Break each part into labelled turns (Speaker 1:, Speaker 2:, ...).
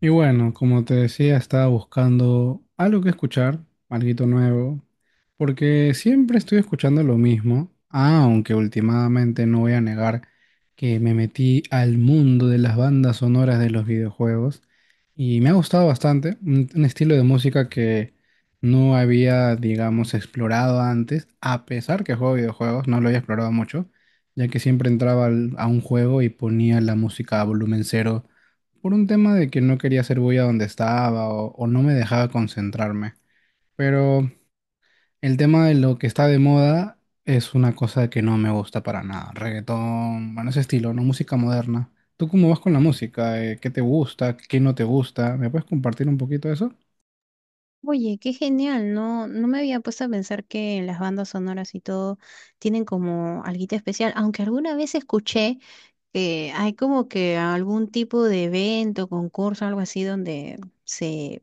Speaker 1: Y bueno, como te decía, estaba buscando algo que escuchar, algo nuevo, porque siempre estoy escuchando lo mismo, aunque últimamente no voy a negar que me metí al mundo de las bandas sonoras de los videojuegos y me ha gustado bastante, un estilo de música que no había, digamos, explorado antes, a pesar que juego videojuegos, no lo había explorado mucho, ya que siempre entraba a un juego y ponía la música a volumen cero por un tema de que no quería hacer bulla donde estaba o no me dejaba concentrarme. Pero el tema de lo que está de moda es una cosa que no me gusta para nada. Reggaetón, bueno, ese estilo, ¿no? Música moderna. ¿Tú cómo vas con la música? ¿Qué te gusta? ¿Qué no te gusta? ¿Me puedes compartir un poquito de eso?
Speaker 2: Oye, qué genial, no, no me había puesto a pensar que las bandas sonoras y todo tienen como alguito especial, aunque alguna vez escuché que hay como que algún tipo de evento, concurso, algo así, donde se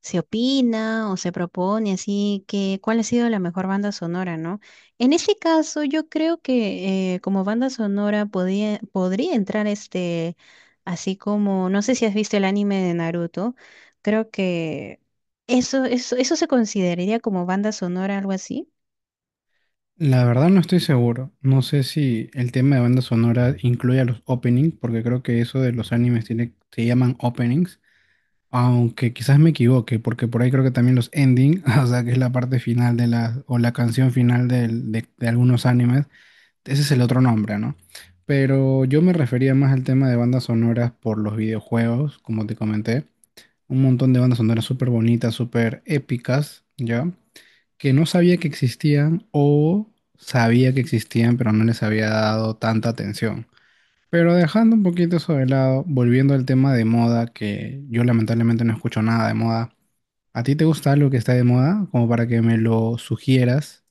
Speaker 2: se opina o se propone, así que cuál ha sido la mejor banda sonora, ¿no? En ese caso, yo creo que como banda sonora podría entrar este, así como, no sé si has visto el anime de Naruto, creo que eso se consideraría como banda sonora, algo así.
Speaker 1: La verdad no estoy seguro. No sé si el tema de banda sonora incluye a los openings, porque creo que eso de los animes tiene, se llaman openings. Aunque quizás me equivoque, porque por ahí creo que también los ending, o sea, que es la parte final de la, o la canción final de algunos animes, ese es el otro nombre, ¿no? Pero yo me refería más al tema de bandas sonoras por los videojuegos, como te comenté, un montón de bandas sonoras súper bonitas, súper épicas, ¿ya? Que no sabía que existían o sabía que existían, pero no les había dado tanta atención. Pero dejando un poquito eso de lado, volviendo al tema de moda, que yo lamentablemente no escucho nada de moda. ¿A ti te gusta algo que está de moda? Como para que me lo sugieras.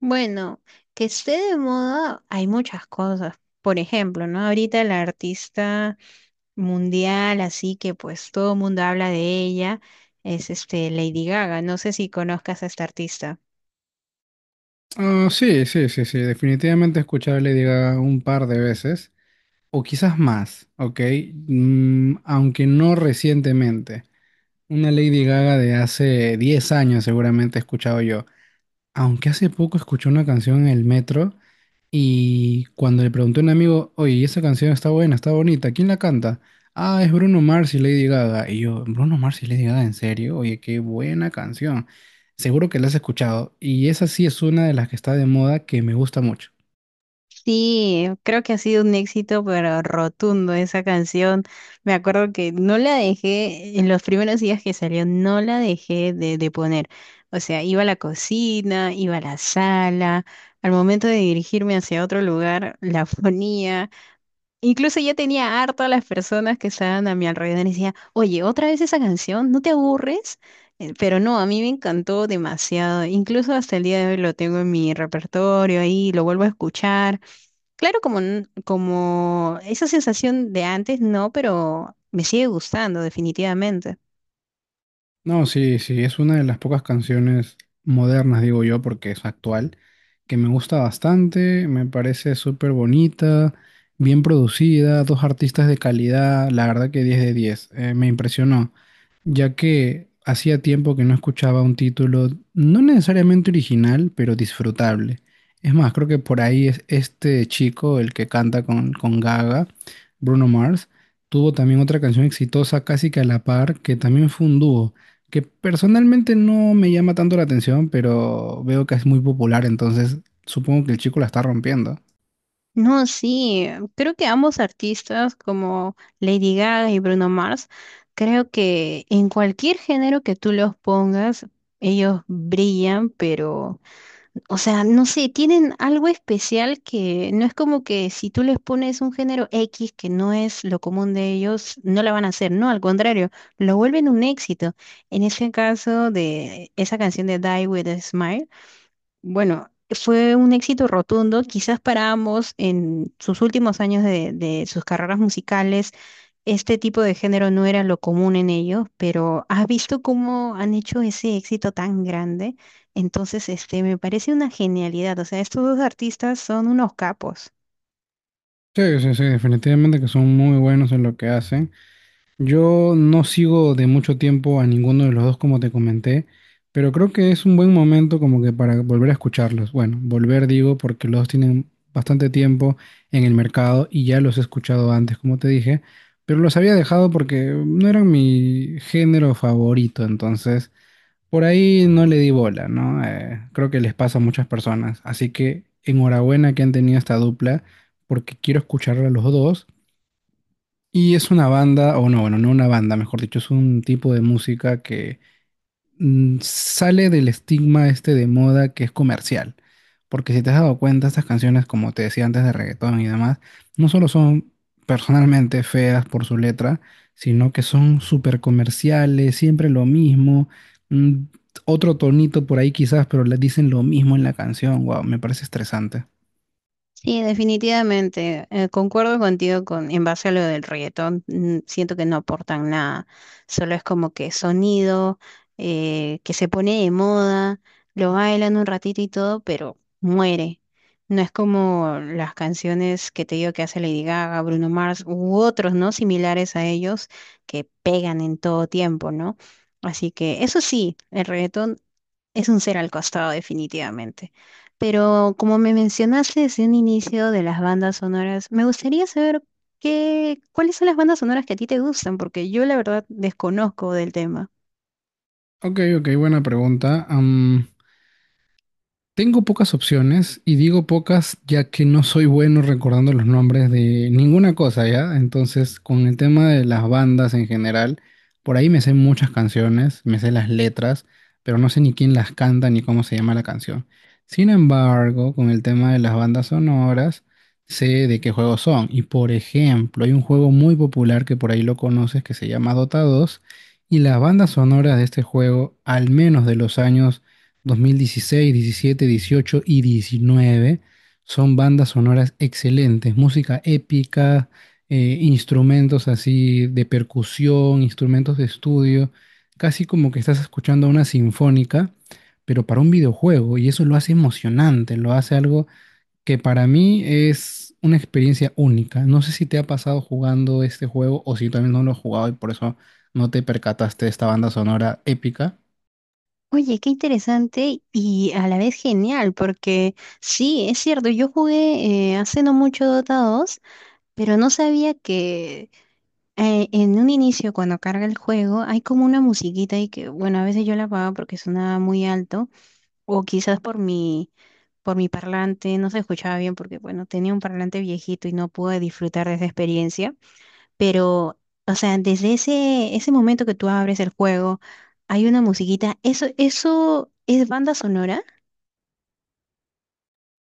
Speaker 2: Bueno, que esté de moda, hay muchas cosas. Por ejemplo, ¿no? Ahorita el artista mundial, así que pues todo el mundo habla de ella, es este Lady Gaga. No sé si conozcas a esta artista.
Speaker 1: Ah, sí, sí, sí, sí. Definitivamente escuchar Lady Gaga un par de veces. O quizás más, ¿ok? Aunque no recientemente. Una Lady Gaga de hace 10 años seguramente he escuchado yo. Aunque hace poco escuché una canción en el metro. Y cuando le pregunté a un amigo, oye, ¿y esa canción está buena, está bonita, ¿quién la canta? Ah, es Bruno Mars y Lady Gaga. Y yo, Bruno Mars y Lady Gaga, ¿en serio? Oye, qué buena canción. Seguro que la has escuchado. Y esa sí es una de las que está de moda que me gusta mucho.
Speaker 2: Sí, creo que ha sido un éxito, pero rotundo esa canción. Me acuerdo que no la dejé, en los primeros días que salió, no la dejé de poner. O sea, iba a la cocina, iba a la sala, al momento de dirigirme hacia otro lugar, la ponía. Incluso yo tenía harto a las personas que estaban a mi alrededor y decía, oye, otra vez esa canción, ¿no te aburres? Pero no, a mí me encantó demasiado. Incluso hasta el día de hoy lo tengo en mi repertorio ahí, lo vuelvo a escuchar. Claro, como, como esa sensación de antes, no, pero me sigue gustando definitivamente.
Speaker 1: No, sí, sí, es una de las pocas canciones modernas, digo yo, porque es actual, que me gusta bastante, me parece súper bonita, bien producida, dos artistas de calidad, la verdad que 10 de 10, me impresionó, ya que hacía tiempo que no escuchaba un título no necesariamente original, pero disfrutable. Es más, creo que por ahí es este chico, el que canta con Gaga, Bruno Mars, tuvo también otra canción exitosa casi que a la par, que también fue un dúo que personalmente no me llama tanto la atención, pero veo que es muy popular, entonces supongo que el chico la está rompiendo.
Speaker 2: No, sí, creo que ambos artistas como Lady Gaga y Bruno Mars, creo que en cualquier género que tú los pongas, ellos brillan, pero, o sea, no sé, tienen algo especial que no es como que si tú les pones un género X que no es lo común de ellos, no la van a hacer, no, al contrario, lo vuelven un éxito. En ese caso, de esa canción de Die With a Smile. Bueno, fue un éxito rotundo, quizás para ambos en sus últimos años de sus carreras musicales. Este tipo de género no era lo común en ellos, pero has visto cómo han hecho ese éxito tan grande. Entonces, este, me parece una genialidad. O sea, estos dos artistas son unos capos.
Speaker 1: Sí, sí, sí, definitivamente que son muy buenos en lo que hacen. Yo no sigo de mucho tiempo a ninguno de los dos, como te comenté, pero creo que es un buen momento como que para volver a escucharlos. Bueno, volver digo porque los dos tienen bastante tiempo en el mercado y ya los he escuchado antes, como te dije, pero los había dejado porque no eran mi género favorito, entonces por ahí no le di bola, ¿no? Creo que les pasa a muchas personas. Así que enhorabuena que han tenido esta dupla, porque quiero escucharla a los dos. Y es una banda, o no, bueno, no una banda, mejor dicho, es un tipo de música que sale del estigma este de moda que es comercial. Porque si te has dado cuenta, estas canciones, como te decía antes de reggaetón y demás, no solo son personalmente feas por su letra, sino que son súper comerciales, siempre lo mismo, mm, otro tonito por ahí quizás, pero le dicen lo mismo en la canción. Wow, me parece estresante.
Speaker 2: Sí, definitivamente. Concuerdo contigo en base a lo del reggaetón. Siento que no aportan nada. Solo es como que sonido, que se pone de moda, lo bailan un ratito y todo, pero muere. No es como las canciones que te digo que hace Lady Gaga, Bruno Mars u otros, ¿no? Similares a ellos, que pegan en todo tiempo, ¿no? Así que eso sí, el reggaetón es un ser al costado, definitivamente. Pero como me mencionaste desde un inicio de las bandas sonoras, me gustaría saber cuáles son las bandas sonoras que a ti te gustan, porque yo la verdad desconozco del tema.
Speaker 1: Ok, ok, buena pregunta. Tengo pocas opciones y digo pocas ya que no soy bueno recordando los nombres de ninguna cosa, ¿ya? Entonces, con el tema de las bandas en general, por ahí me sé muchas canciones, me sé las letras, pero no sé ni quién las canta ni cómo se llama la canción. Sin embargo, con el tema de las bandas sonoras, sé de qué juegos son. Y por ejemplo, hay un juego muy popular que por ahí lo conoces que se llama Dota 2 y las bandas sonoras de este juego, al menos de los años 2016, 2017, 2018 y 2019 son bandas sonoras excelentes, música épica, instrumentos así de percusión, instrumentos de estudio, casi como que estás escuchando una sinfónica, pero para un videojuego y eso lo hace emocionante, lo hace algo que para mí es una experiencia única. No sé si te ha pasado jugando este juego o si también no lo has jugado y por eso no te percataste de esta banda sonora épica.
Speaker 2: Oye, qué interesante y a la vez genial, porque sí, es cierto, yo jugué hace no mucho Dota 2, pero no sabía que en un inicio, cuando carga el juego, hay como una musiquita y que, bueno, a veces yo la apago porque sonaba muy alto. O quizás por mi parlante no se escuchaba bien porque, bueno, tenía un parlante viejito y no pude disfrutar de esa experiencia. Pero, o sea, desde ese momento que tú abres el juego, hay una musiquita. Eso es banda sonora.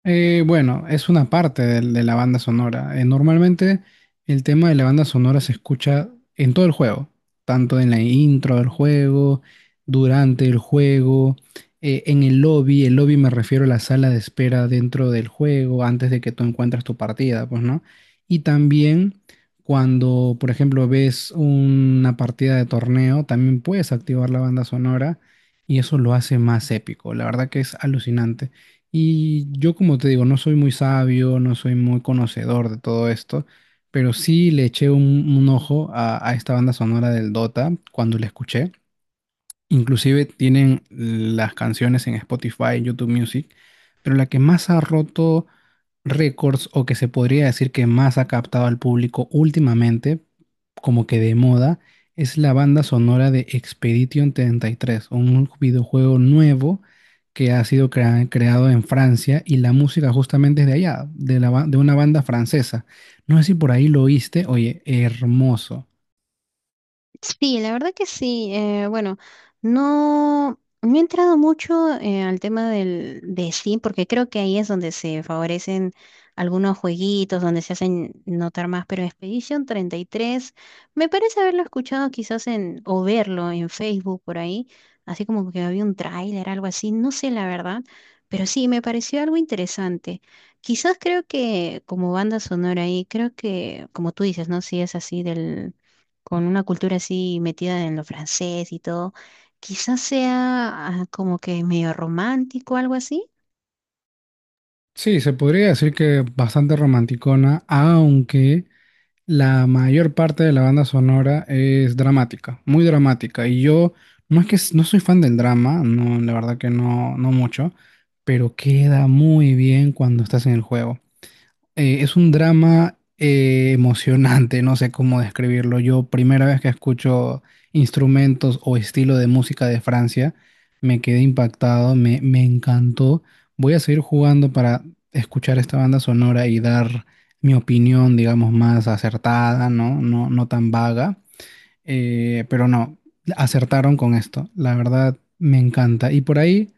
Speaker 1: Bueno, es una parte de la banda sonora. Normalmente el tema de la banda sonora se escucha en todo el juego, tanto en la intro del juego, durante el juego, en el lobby. El lobby me refiero a la sala de espera dentro del juego, antes de que tú encuentres tu partida, pues, ¿no? Y también cuando, por ejemplo, ves una partida de torneo, también puedes activar la banda sonora y eso lo hace más épico. La verdad que es alucinante. Y yo, como te digo, no soy muy sabio, no soy muy conocedor de todo esto, pero sí le eché un ojo a esta banda sonora del Dota cuando la escuché. Inclusive tienen las canciones en Spotify, YouTube Music, pero la que más ha roto récords o que se podría decir que más ha captado al público últimamente, como que de moda, es la banda sonora de Expedition 33, un videojuego nuevo que ha sido creado en Francia y la música justamente es de allá, de una banda francesa. No sé si por ahí lo oíste, oye, hermoso.
Speaker 2: Sí, la verdad que sí. Bueno, no, no he entrado mucho al tema de Steam, porque creo que ahí es donde se favorecen algunos jueguitos, donde se hacen notar más, pero Expedition 33, me parece haberlo escuchado quizás en, o verlo en Facebook por ahí, así como que había un tráiler, algo así, no sé la verdad, pero sí, me pareció algo interesante. Quizás creo que como banda sonora ahí, creo que, como tú dices, ¿no? Si es así, del con una cultura así metida en lo francés y todo, quizás sea ah, como que medio romántico, algo así.
Speaker 1: Sí, se podría decir que bastante romanticona, aunque la mayor parte de la banda sonora es dramática, muy dramática. Y yo no es que no soy fan del drama, no, la verdad que no, no mucho, pero queda muy bien cuando estás en el juego, es un drama emocionante, no sé cómo describirlo. Yo, primera vez que escucho instrumentos o estilo de música de Francia, me quedé impactado, me encantó. Voy a seguir jugando para escuchar esta banda sonora y dar mi opinión, digamos, más acertada, ¿no? No, no tan vaga. Pero no, acertaron con esto. La verdad, me encanta. Y por ahí.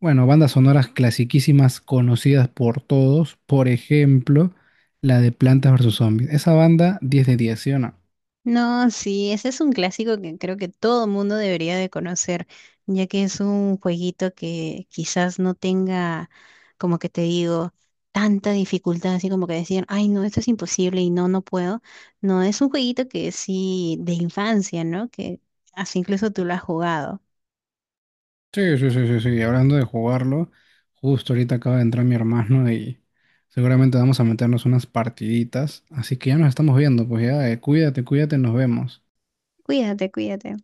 Speaker 1: Bueno, bandas sonoras clasiquísimas conocidas por todos. Por ejemplo, la de Plantas versus Zombies. Esa banda, 10 de 10, ¿sí o no?
Speaker 2: No, sí, ese es un clásico que creo que todo mundo debería de conocer, ya que es un jueguito que quizás no tenga, como que te digo, tanta dificultad, así como que decir, ay, no, esto es imposible y no, no puedo. No, es un jueguito que sí, de infancia, ¿no? Que así incluso tú lo has jugado.
Speaker 1: Sí, sí, sí, sí, sí. Hablando de jugarlo, justo ahorita acaba de entrar mi hermano y seguramente vamos a meternos unas partiditas. Así que ya nos estamos viendo, pues ya, cuídate, cuídate, nos vemos.
Speaker 2: Cuídate, cuídate.